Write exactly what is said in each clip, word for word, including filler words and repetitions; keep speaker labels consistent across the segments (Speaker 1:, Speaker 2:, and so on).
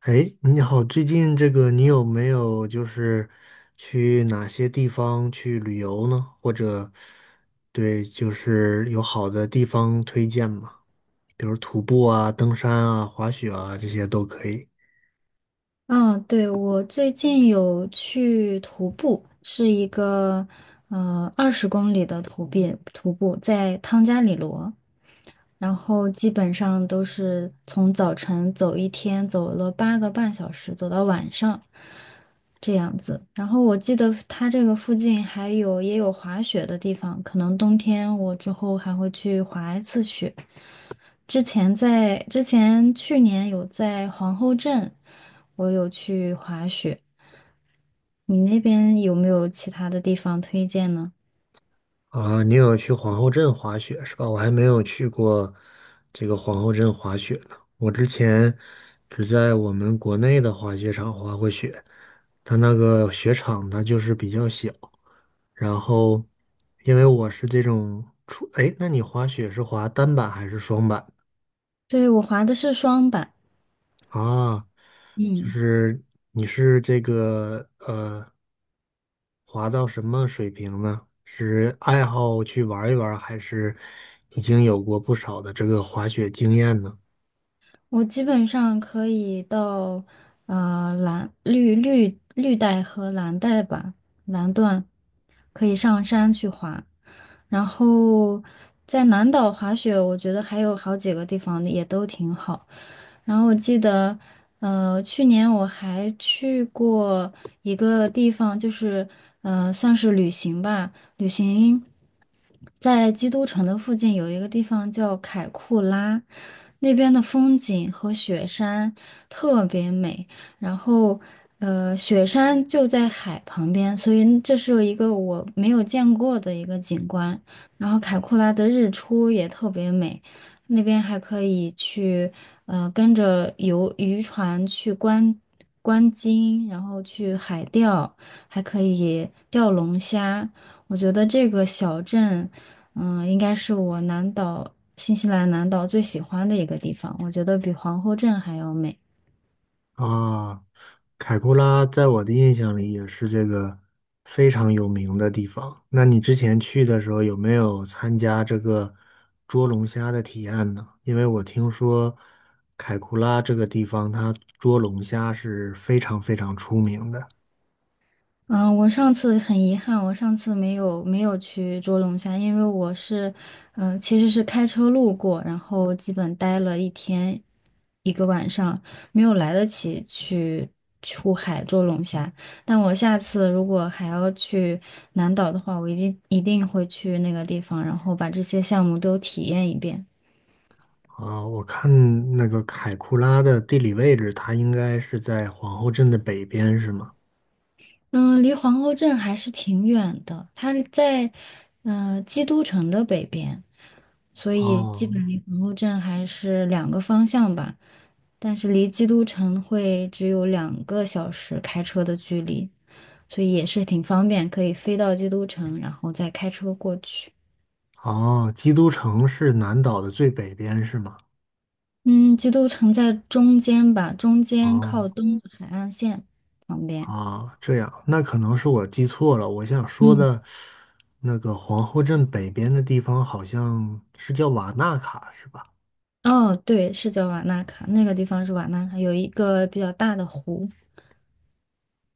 Speaker 1: 哎，你好，最近这个你有没有就是去哪些地方去旅游呢？或者对，就是有好的地方推荐吗？比如徒步啊、登山啊、滑雪啊，这些都可以。
Speaker 2: 嗯，对，我最近有去徒步，是一个呃二十公里的徒步，徒步在汤加里罗，然后基本上都是从早晨走一天，走了八个半小时，走到晚上。这样子。然后我记得它这个附近还有也有滑雪的地方，可能冬天我之后还会去滑一次雪。之前在之前去年有在皇后镇，我有去滑雪。你那边有没有其他的地方推荐呢？
Speaker 1: 啊，你有去皇后镇滑雪是吧？我还没有去过这个皇后镇滑雪呢。我之前只在我们国内的滑雪场滑过雪，它那个雪场它就是比较小。然后，因为我是这种初，哎，那你滑雪是滑单板还是双板
Speaker 2: 对，我滑的是双板，
Speaker 1: 啊？就
Speaker 2: 嗯。
Speaker 1: 是你是这个呃滑到什么水平呢？是爱好去玩一玩，还是已经有过不少的这个滑雪经验呢？
Speaker 2: 我基本上可以到呃蓝绿绿绿带和蓝带吧，蓝段可以上山去滑，然后在南岛滑雪，我觉得还有好几个地方也都挺好。然后我记得，呃，去年我还去过一个地方，就是呃，算是旅行吧。旅行在基督城的附近有一个地方叫凯库拉，那边的风景和雪山特别美。然后，呃，雪山就在海旁边，所以这是一个我没有见过的一个景观。然后，凯库拉的日出也特别美，那边还可以去，呃，跟着游渔船去观观鲸，然后去海钓，还可以钓龙虾。我觉得这个小镇，嗯，应该是我南岛，新西兰南岛最喜欢的一个地方。我觉得比皇后镇还要美。
Speaker 1: 啊，凯库拉在我的印象里也是这个非常有名的地方。那你之前去的时候有没有参加这个捉龙虾的体验呢？因为我听说凯库拉这个地方，它捉龙虾是非常非常出名的。
Speaker 2: 嗯，我上次很遗憾，我上次没有没有去捉龙虾，因为我是，嗯，其实是开车路过，然后基本待了一天，一个晚上，没有来得及去出海捉龙虾。但我下次如果还要去南岛的话，我一定一定会去那个地方，然后把这些项目都体验一遍。
Speaker 1: 啊，我看那个凯库拉的地理位置，它应该是在皇后镇的北边，是吗？
Speaker 2: 嗯，离皇后镇还是挺远的，它在嗯基督城的北边，所以基
Speaker 1: 哦，
Speaker 2: 本离皇后镇还是两个方向吧，但是离基督城会只有两个小时开车的距离，所以也是挺方便，可以飞到基督城，然后再开车过去。
Speaker 1: 哦，基督城是南岛的最北边，是吗？
Speaker 2: 嗯，基督城在中间吧，中间
Speaker 1: 哦，
Speaker 2: 靠东的海岸线旁边。
Speaker 1: 啊，这样，那可能是我记错了。我想说
Speaker 2: 嗯，
Speaker 1: 的那个皇后镇北边的地方，好像是叫瓦纳卡，是吧？
Speaker 2: 哦，对，是叫瓦纳卡，那个地方是瓦纳卡，有一个比较大的湖。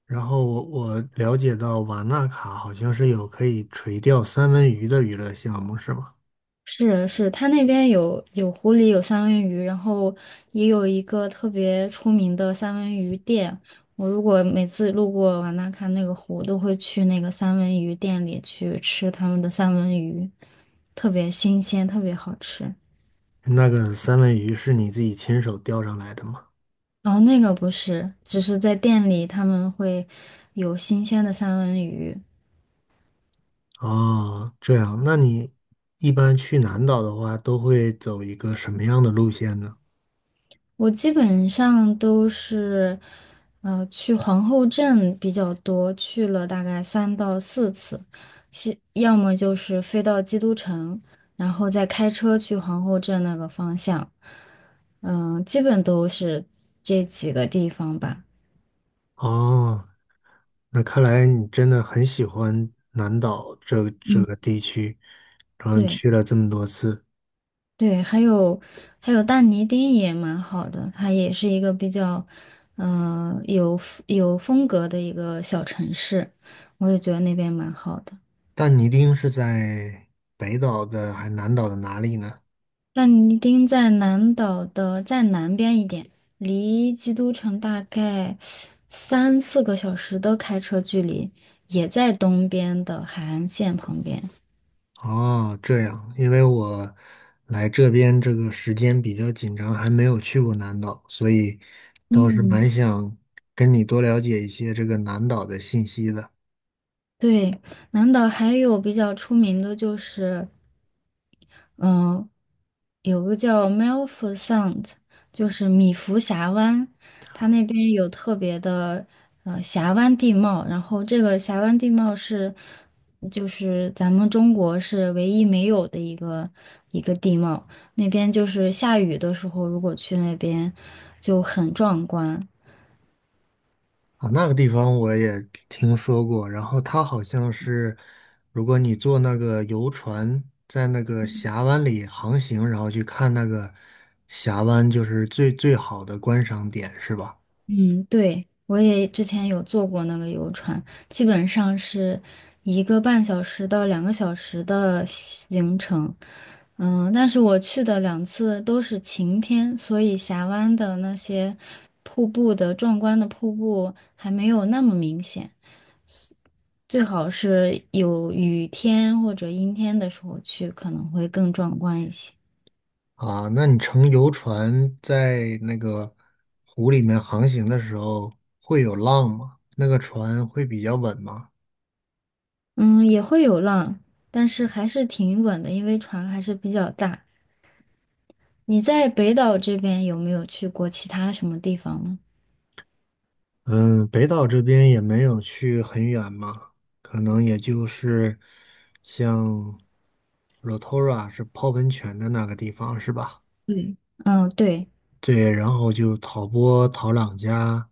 Speaker 1: 然后我我了解到瓦纳卡好像是有可以垂钓三文鱼的娱乐项目，是吗？
Speaker 2: 是是，他那边有有湖里有三文鱼，然后也有一个特别出名的三文鱼店。我如果每次路过瓦纳看那个湖，都会去那个三文鱼店里去吃他们的三文鱼，特别新鲜，特别好吃。
Speaker 1: 那个三文鱼是你自己亲手钓上来的吗？
Speaker 2: 然后那个不是，只是在店里他们会有新鲜的三文鱼，
Speaker 1: 哦，这样，那你一般去南岛的话，都会走一个什么样的路线呢？
Speaker 2: 我基本上都是，呃，去皇后镇比较多，去了大概三到四次，西要么就是飞到基督城，然后再开车去皇后镇那个方向，嗯、基本都是这几个地方吧。
Speaker 1: 哦，那看来你真的很喜欢南岛这这
Speaker 2: 嗯，
Speaker 1: 个地区，然后你
Speaker 2: 对
Speaker 1: 去了这么多次，
Speaker 2: 对，还有还有但尼丁也蛮好的，它也是一个比较，呃，有有风格的一个小城市，我也觉得那边蛮好的。
Speaker 1: 但你一定是在北岛的还南岛的哪里呢？
Speaker 2: 那尼丁在南岛的再南边一点，离基督城大概三四个小时的开车距离，也在东边的海岸线旁边。
Speaker 1: 哦，这样，因为我来这边这个时间比较紧张，还没有去过南岛，所以倒是
Speaker 2: 嗯
Speaker 1: 蛮想跟你多了解一些这个南岛的信息的。
Speaker 2: 对，南岛还有比较出名的就是嗯，有个叫 Milford Sound，就是米福峡湾，它那边有特别的呃峡湾地貌，然后这个峡湾地貌是就是咱们中国是唯一没有的一个一个地貌，那边就是下雨的时候，如果去那边就很壮观。
Speaker 1: 啊，那个地方我也听说过，然后它好像是，如果你坐那个游船在那个峡湾里航行，然后去看那个峡湾，就是最最好的观赏点，是吧？
Speaker 2: 嗯，对，我也之前有坐过那个游船，基本上是一个半小时到两个小时的行程。嗯，但是我去的两次都是晴天，所以峡湾的那些瀑布的壮观的瀑布还没有那么明显。最好是有雨天或者阴天的时候去，可能会更壮观一些。
Speaker 1: 啊，那你乘游船在那个湖里面航行的时候，会有浪吗？那个船会比较稳吗？
Speaker 2: 嗯，也会有浪，但是还是挺稳的，因为船还是比较大。你在北岛这边有没有去过其他什么地方呢？
Speaker 1: 嗯，北岛这边也没有去很远嘛，可能也就是像 Rotorua 是泡温泉的那个地方是吧？
Speaker 2: 对，嗯，对
Speaker 1: 对，然后就陶波、陶朗加，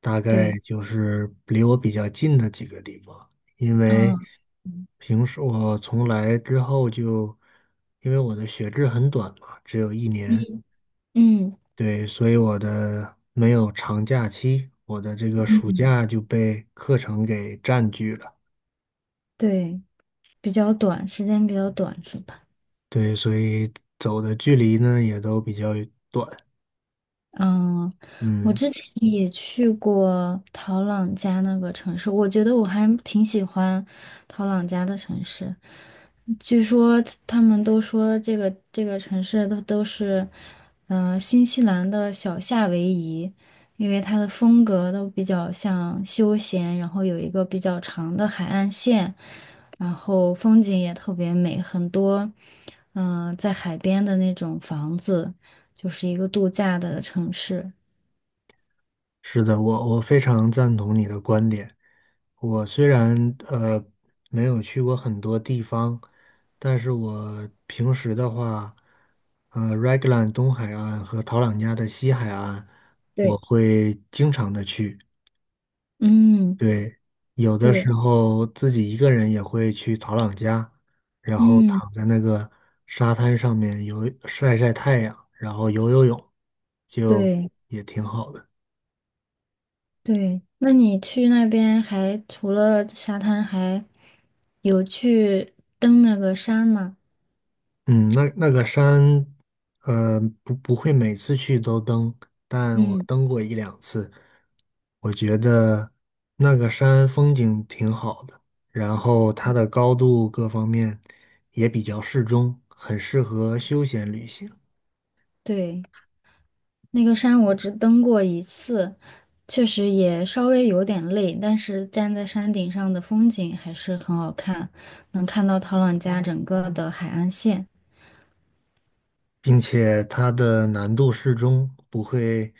Speaker 1: 大
Speaker 2: 对，
Speaker 1: 概就是离我比较近的几个地方，因为
Speaker 2: 嗯
Speaker 1: 平时我从来之后就，因为我的学制很短嘛，只有一年，
Speaker 2: 嗯
Speaker 1: 对，所以我的没有长假期，我的这个暑
Speaker 2: 嗯，
Speaker 1: 假就被课程给占据了。
Speaker 2: 对，比较短，时间比较短是吧？
Speaker 1: 对，所以走的距离呢也都比较短。
Speaker 2: 嗯，我
Speaker 1: 嗯，
Speaker 2: 之前也去过陶朗家那个城市，我觉得我还挺喜欢陶朗家的城市。据说他们都说这个这个城市都都是，嗯、新西兰的小夏威夷，因为它的风格都比较像休闲，然后有一个比较长的海岸线，然后风景也特别美，很多，嗯、在海边的那种房子，就是一个度假的城市。
Speaker 1: 是的，我我非常赞同你的观点。我虽然呃没有去过很多地方，但是我平时的话，呃 r e g l a n 东海岸和陶朗加的西海岸，我
Speaker 2: 对
Speaker 1: 会经常的去。
Speaker 2: 嗯，
Speaker 1: 对，有的
Speaker 2: 对，
Speaker 1: 时候自己一个人也会去曹朗家，然后
Speaker 2: 嗯，
Speaker 1: 躺在那个沙滩上面游，晒晒太阳，然后游游泳，就
Speaker 2: 对。
Speaker 1: 也挺好的。
Speaker 2: 对，那你去那边还除了沙滩，还有去登那个山吗？
Speaker 1: 嗯，那那个山，呃，不不会每次去都登，但我
Speaker 2: 嗯，
Speaker 1: 登过一两次，我觉得那个山风景挺好的，然后它的高度各方面也比较适中，很适合休闲旅行。
Speaker 2: 对，那个山我只登过一次，确实也稍微有点累，但是站在山顶上的风景还是很好看，能看到陶朗家整个的海岸线。
Speaker 1: 并且它的难度适中，不会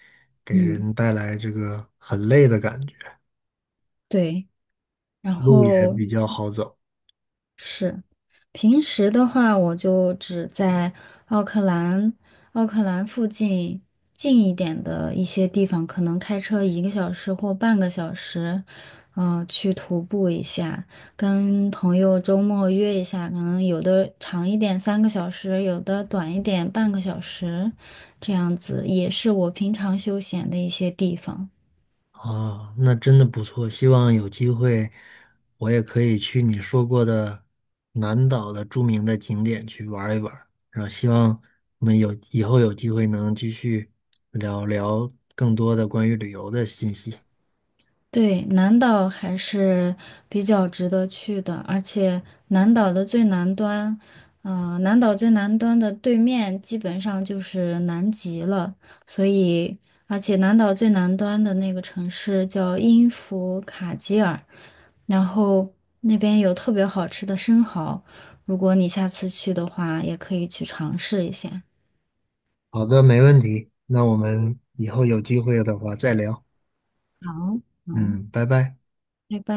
Speaker 1: 给
Speaker 2: 嗯，
Speaker 1: 人带来这个很累的感觉，
Speaker 2: 对，然
Speaker 1: 路也
Speaker 2: 后
Speaker 1: 比较好走。
Speaker 2: 是，平时的话，我就只在奥克兰、奥克兰附近近一点的一些地方，可能开车一个小时或半个小时，嗯、去徒步一下，跟朋友周末约一下，可能有的长一点三个小时，有的短一点半个小时，这样子也是我平常休闲的一些地方。
Speaker 1: 啊，那真的不错。希望有机会我也可以去你说过的南岛的著名的景点去玩一玩儿，然后希望我们有以后有机会能继续聊聊更多的关于旅游的信息。
Speaker 2: 对，南岛还是比较值得去的，而且南岛的最南端，呃，南岛最南端的对面基本上就是南极了，所以，而且南岛最南端的那个城市叫因弗卡吉尔，然后那边有特别好吃的生蚝，如果你下次去的话，也可以去尝试一下。
Speaker 1: 好的，没问题。那我们以后有机会的话再聊。
Speaker 2: 好，好，
Speaker 1: 嗯，拜拜。
Speaker 2: 拜拜。